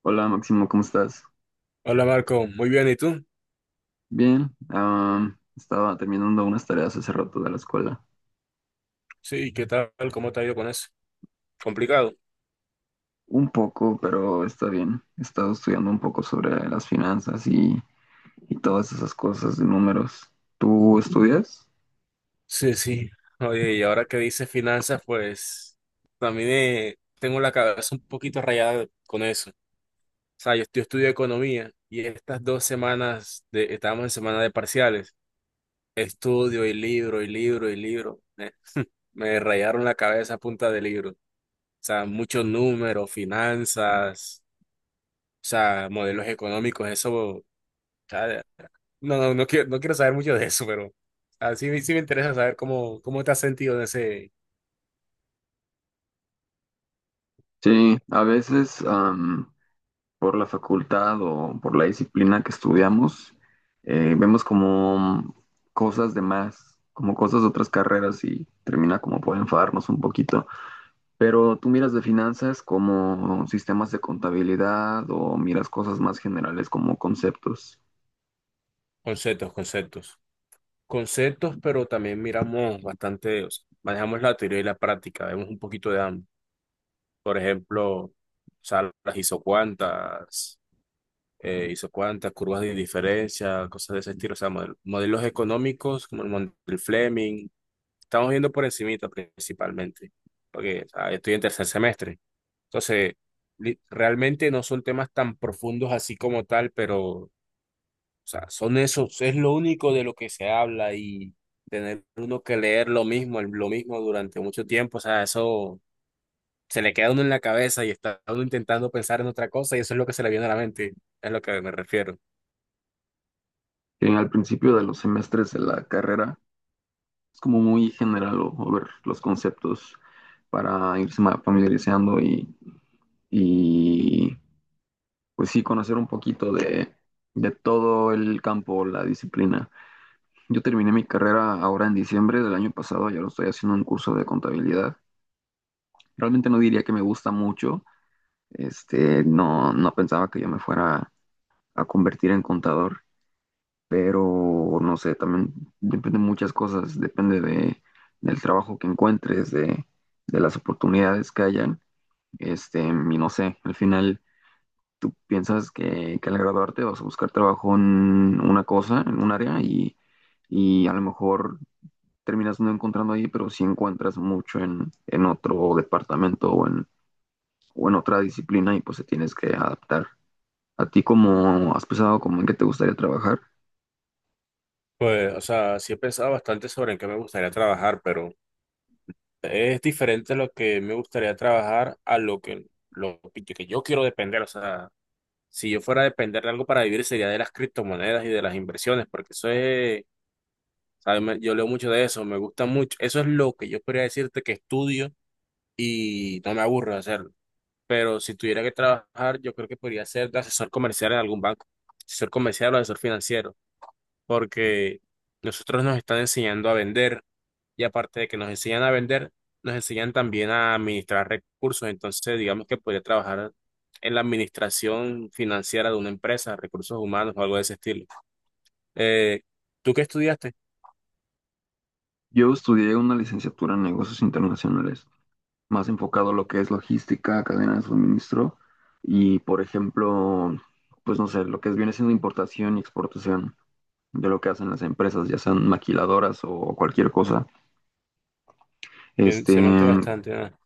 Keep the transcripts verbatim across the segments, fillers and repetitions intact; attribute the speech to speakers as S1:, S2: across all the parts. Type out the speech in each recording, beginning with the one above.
S1: Hola Máximo, ¿cómo estás?
S2: Hola Marco, muy bien, ¿y tú?
S1: Bien, am, estaba terminando unas tareas hace rato de la escuela.
S2: Sí, ¿qué tal? ¿Cómo te ha ido con eso? Complicado.
S1: Un poco, pero está bien. He estado estudiando un poco sobre las finanzas y, y todas esas cosas de números. ¿Tú estudias?
S2: Sí, sí. Oye, y ahora que dices finanzas, pues también eh, tengo la cabeza un poquito rayada con eso. O sea, yo, yo estudio economía y estas dos semanas, de, estábamos en semana de parciales, estudio y libro y libro y libro. Eh, me rayaron la cabeza a punta de libro. O sea, muchos números, finanzas, o sea, modelos económicos, eso, o sea, no, no, no quiero, no quiero saber mucho de eso, pero así sí me- sí me interesa saber cómo, cómo te has sentido en ese.
S1: Sí, a veces am, por la facultad o por la disciplina que estudiamos, eh, vemos como cosas de más, como cosas de otras carreras y termina como por enfadarnos un poquito. Pero tú miras de finanzas como sistemas de contabilidad o miras cosas más generales como conceptos.
S2: Conceptos, conceptos. Conceptos, pero también miramos bastante, o sea, manejamos la teoría y la práctica, vemos un poquito de ambos. Por ejemplo, o sea, las isocuantas, eh, isocuantas, curvas de indiferencia, cosas de ese estilo, o sea, model- modelos económicos como el mon- el Fleming. Estamos viendo por encimita principalmente, porque, o sea, estoy en tercer semestre. Entonces, li- realmente no son temas tan profundos así como tal, pero, o sea, son esos, es lo único de lo que se habla, y tener uno que leer lo mismo, el- lo mismo durante mucho tiempo, o sea, eso se le queda a uno en la cabeza y está uno intentando pensar en otra cosa y eso es lo que se le viene a la mente, es lo que me refiero.
S1: En al principio de los semestres de la carrera es como muy general o, o ver los conceptos para irse ma- familiarizando y, y, pues sí conocer un poquito de, de todo el campo, la disciplina. Yo terminé mi carrera ahora en diciembre del año pasado, ya lo estoy haciendo un curso de contabilidad. Realmente no diría que me gusta mucho. Este, no, no pensaba que yo me fuera a convertir en contador, pero no sé, también depende de muchas cosas, depende de, del trabajo que encuentres, de, de las oportunidades que hayan. Este, y no sé, al final tú piensas que, que al graduarte vas a buscar trabajo en una cosa, en un área, y, y a lo mejor terminas no encontrando ahí, pero sí encuentras mucho en, en otro departamento o en, o en otra disciplina y pues te tienes que adaptar. ¿A ti cómo has pensado como en qué te gustaría trabajar?
S2: Pues, o sea, sí he pensado bastante sobre en qué me gustaría trabajar, pero es diferente lo que me gustaría trabajar a lo que, lo que yo quiero depender, o sea. Si yo fuera a depender de algo para vivir sería de las criptomonedas y de las inversiones, porque eso es, ¿sabes? Me- Yo leo mucho de eso, me gusta mucho. Eso es lo que yo podría decirte que estudio y no me aburro de hacerlo. Pero si tuviera que trabajar, yo creo que podría ser de asesor comercial en algún banco, asesor comercial o asesor financiero, porque nosotros nos están enseñando a vender, y aparte de que nos enseñan a vender, nos enseñan también a administrar recursos. Entonces, digamos que podría trabajar en la administración financiera de una empresa, recursos humanos o algo de ese estilo. Eh, ¿Tú qué estudiaste?
S1: Yo estudié una licenciatura en negocios internacionales, más enfocado a lo que es logística, cadena de suministro y, por ejemplo, pues no sé, lo que es, viene siendo importación y exportación de lo que hacen las empresas, ya sean maquiladoras o cualquier cosa.
S2: Que
S1: Este,
S2: se mete bastante, ¿no?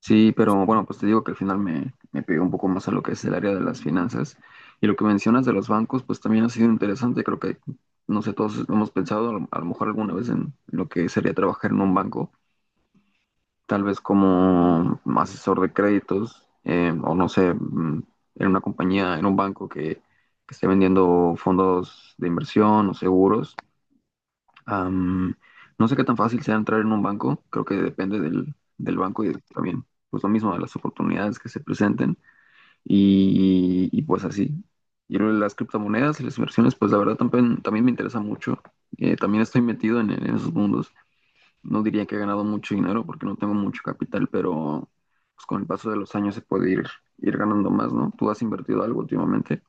S1: Sí, pero bueno, pues te digo que al final me, me pegué un poco más a lo que es el área de las finanzas. Y lo que mencionas de los bancos, pues también ha sido interesante. Creo que, no sé, todos hemos pensado a lo, a lo mejor alguna vez en lo que sería trabajar en un banco, tal vez como asesor de créditos, eh, o no sé, mm, en una compañía, en un banco que, que esté vendiendo fondos de inversión o seguros. Am, no sé qué tan fácil sea entrar en un banco, creo que depende del, del banco y también, pues lo mismo, de las oportunidades que se presenten y, y, pues así. Y lo de las criptomonedas y las inversiones, pues la verdad también, también me interesa mucho. Eh, también estoy metido en, en esos mundos. No diría que he ganado mucho dinero porque no tengo mucho capital, pero pues con el paso de los años se puede ir, ir ganando más, ¿no? ¿Tú has invertido algo últimamente?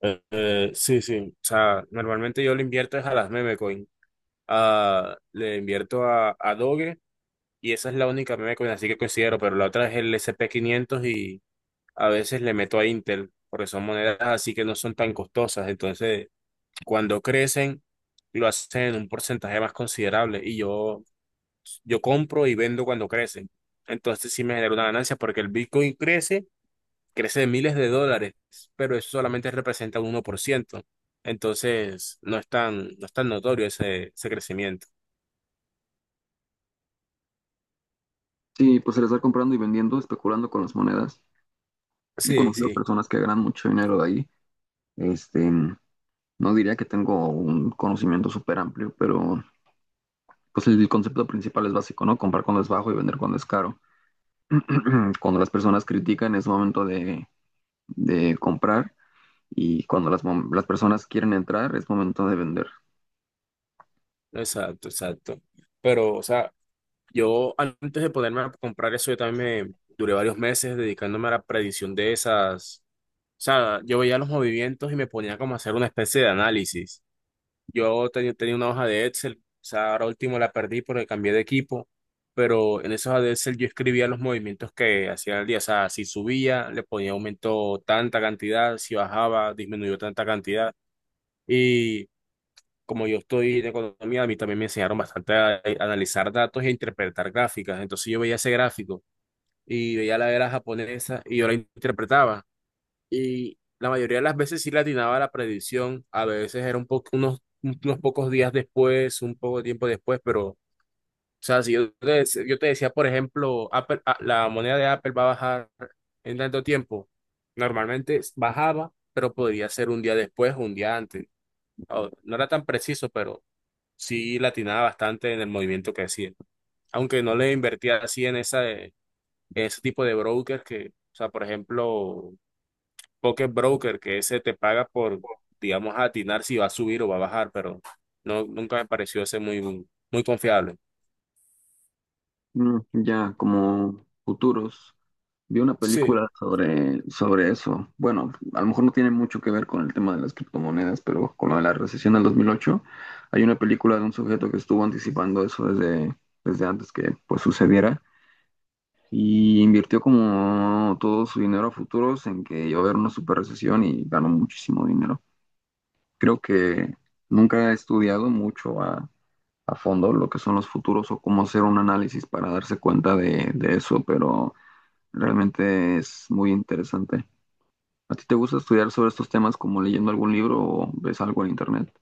S2: Eh, eh, sí, sí. O sea, normalmente yo le invierto es a las meme coin. Ah, le invierto a, a Doge, y esa es la única meme coin, así que considero, pero la otra es el S and P quinientos, y a veces le meto a Intel porque son monedas así que no son tan costosas. Entonces, cuando crecen, lo hacen en un porcentaje más considerable y yo, yo compro y vendo cuando crecen. Entonces sí me genera una ganancia porque el Bitcoin crece, crece de miles de dólares, pero eso solamente representa un uno por ciento. Entonces no es tan, no es tan notorio ese, ese crecimiento.
S1: Sí, pues el estar comprando y vendiendo, especulando con las monedas. He
S2: Sí,
S1: conocido
S2: sí,
S1: personas que ganan mucho dinero de ahí. Este, no diría que tengo un conocimiento súper amplio, pero pues el concepto principal es básico, ¿no? Comprar cuando es bajo y vender cuando es caro. Cuando las personas critican es momento de, de comprar y cuando las, mom- las personas quieren entrar es momento de vender.
S2: exacto, exacto. Pero, o sea, yo antes de ponerme a comprar eso, yo también me duré varios meses dedicándome a la predicción de esas. O sea, yo veía los movimientos y me ponía como a hacer una especie de análisis. Yo tenía, tenía una hoja de Excel, o sea, ahora último la perdí porque cambié de equipo, pero en esa hoja de Excel yo escribía los movimientos que hacía el día. O sea, si subía, le ponía aumento tanta cantidad, si bajaba, disminuyó tanta cantidad. Y como yo estoy en economía, a mí también me enseñaron bastante a, a analizar datos e interpretar gráficas. Entonces yo veía ese gráfico y veía la era japonesa y yo la interpretaba. Y la mayoría de las veces sí le atinaba a la predicción, a veces era un po- unos, unos pocos días después, un poco de tiempo después, pero, o sea, si yo te, dec- yo te decía, por ejemplo, Apple- a- la moneda de Apple va a bajar en tanto tiempo, normalmente bajaba, pero podría ser un día después o un día antes. O- No era tan preciso, pero sí le atinaba bastante en el movimiento que hacía. Aunque no le invertía así en, esa, en ese tipo de brokers que, o sea, por ejemplo, Pocket Broker, que ese te paga por, digamos, atinar si va a subir o va a bajar, pero no, nunca me pareció ese muy, muy confiable.
S1: Mm, Ya como futuros. Vi una
S2: Sí.
S1: película sobre, sobre eso. Bueno, a lo mejor no tiene mucho que ver con el tema de las criptomonedas, pero con lo de la recesión del dos mil ocho, hay una película de un sujeto que estuvo anticipando eso desde, desde antes que pues sucediera y invirtió como todo su dinero a futuros en que iba a haber una super recesión y ganó muchísimo dinero. Creo que nunca he estudiado mucho a, a fondo lo que son los futuros o cómo hacer un análisis para darse cuenta de, de eso, pero realmente es muy interesante. ¿A ti te gusta estudiar sobre estos temas como leyendo algún libro o ves algo en internet?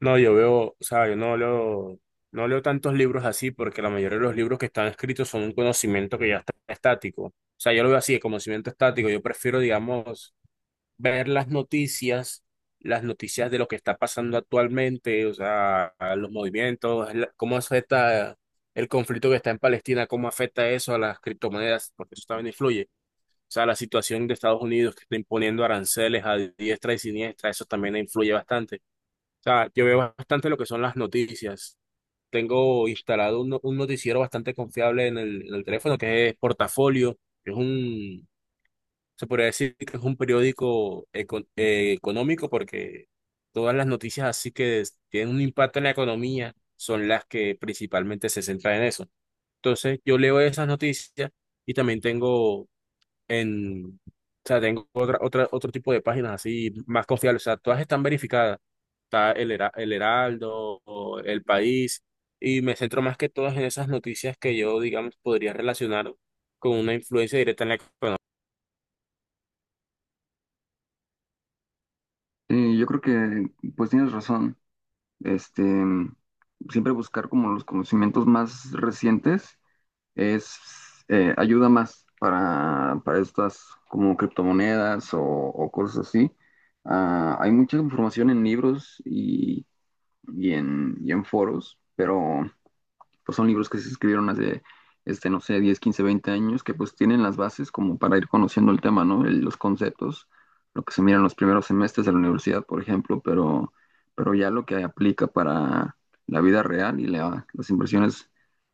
S2: No, yo veo, o sea, yo no leo, no leo tantos libros así porque la mayoría de los libros que están escritos son un conocimiento que ya está estático. O sea, yo lo veo así, el conocimiento estático. Yo prefiero, digamos, ver las noticias, las noticias de lo que está pasando actualmente, o sea, a los movimientos, la- cómo afecta el conflicto que está en Palestina, cómo afecta eso a las criptomonedas, porque eso también influye. O sea, la situación de Estados Unidos que está imponiendo aranceles a diestra y siniestra, eso también influye bastante. O sea, yo veo bastante lo que son las noticias. Tengo instalado un, no- un noticiero bastante confiable en el, en el teléfono, que es Portafolio, que es un, se podría decir que es un periódico eco- eh, económico, porque todas las noticias así que es- tienen un impacto en la economía son las que principalmente se centran en eso. Entonces yo leo esas noticias y también tengo en, o sea, tengo otra, otra, otro tipo de páginas así más confiables. O sea, todas están verificadas. Está el, Hera- el Heraldo, o El País, y me centro más que todas en esas noticias que yo, digamos, podría relacionar con una influencia directa en la economía.
S1: Eh, yo creo que pues tienes razón. Este, Siempre buscar como los conocimientos más recientes es eh, ayuda más para, para estas como criptomonedas o, o cosas así. Ah, hay mucha información en libros y, y en, y en foros, pero pues son libros que se escribieron hace, este, no sé, diez quince veinte años, que pues tienen las bases como para ir conociendo el tema, ¿no? El- los conceptos, lo que se mira en los primeros semestres de la universidad, por ejemplo, pero, pero ya lo que aplica para la vida real y la- las inversiones,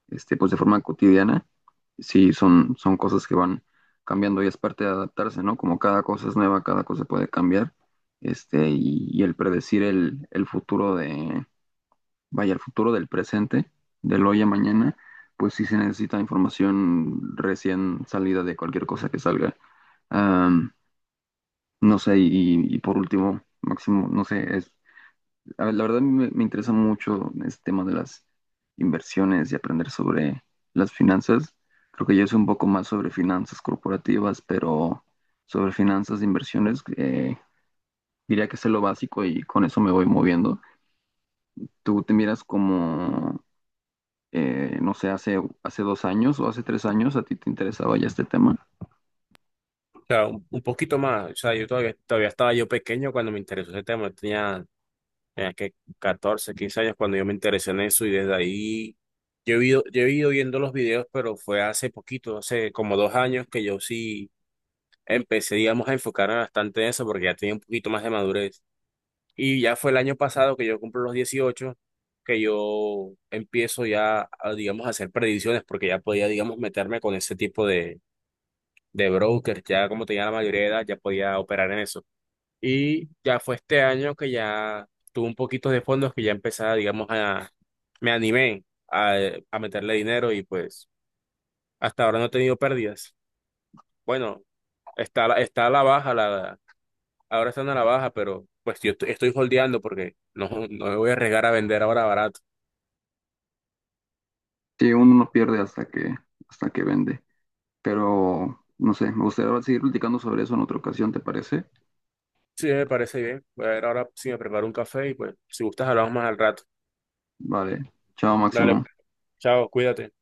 S1: este, pues de forma cotidiana, sí son, son cosas que van cambiando y es parte de adaptarse, ¿no? Como cada cosa es nueva, cada cosa puede cambiar, este, y, y el predecir el, el futuro de vaya, el futuro del presente, del hoy a mañana, pues sí se necesita información recién salida de cualquier cosa que salga. Am, no sé, y, y por último, Máximo, no sé, es, a ver, la verdad me, me interesa mucho este tema de las inversiones y aprender sobre las finanzas. Creo que yo sé un poco más sobre finanzas corporativas, pero sobre finanzas de inversiones, eh, diría que sé lo básico y con eso me voy moviendo. ¿Tú te miras como eh, no sé, hace, hace dos años o hace tres años a ti te interesaba ya este tema?
S2: Sea, un, un poquito más. O sea, yo todavía, todavía estaba yo pequeño cuando me interesó ese tema. Yo tenía, tenía que catorce, quince años cuando yo me interesé en eso y desde ahí yo he ido, yo he ido viendo los videos, pero fue hace poquito, hace como dos años, que yo sí empecé, digamos, a enfocarme bastante en eso porque ya tenía un poquito más de madurez. Y ya fue el año pasado que yo cumplo los dieciocho, que yo empiezo ya, a, digamos, a hacer predicciones porque ya podía, digamos, meterme con ese tipo de de broker, ya como tenía la mayoría de edad, ya podía operar en eso. Y ya fue este año que ya tuve un poquito de fondos, que ya empezaba, digamos, a, me animé a, a meterle dinero, y pues hasta ahora no he tenido pérdidas. Bueno, está, a la- está a la baja, la, ahora están a la baja, pero pues yo estoy, estoy holdeando porque no, no me voy a arriesgar a vender ahora barato.
S1: Sí, uno no pierde hasta que, hasta que vende. Pero, no sé, me gustaría seguir platicando sobre eso en otra ocasión, ¿te parece?
S2: Sí, me parece bien. Voy a ver ahora si me preparo un café y pues si gustas hablamos más al rato.
S1: Vale, chao,
S2: Dale,
S1: Máximo.
S2: chao, cuídate.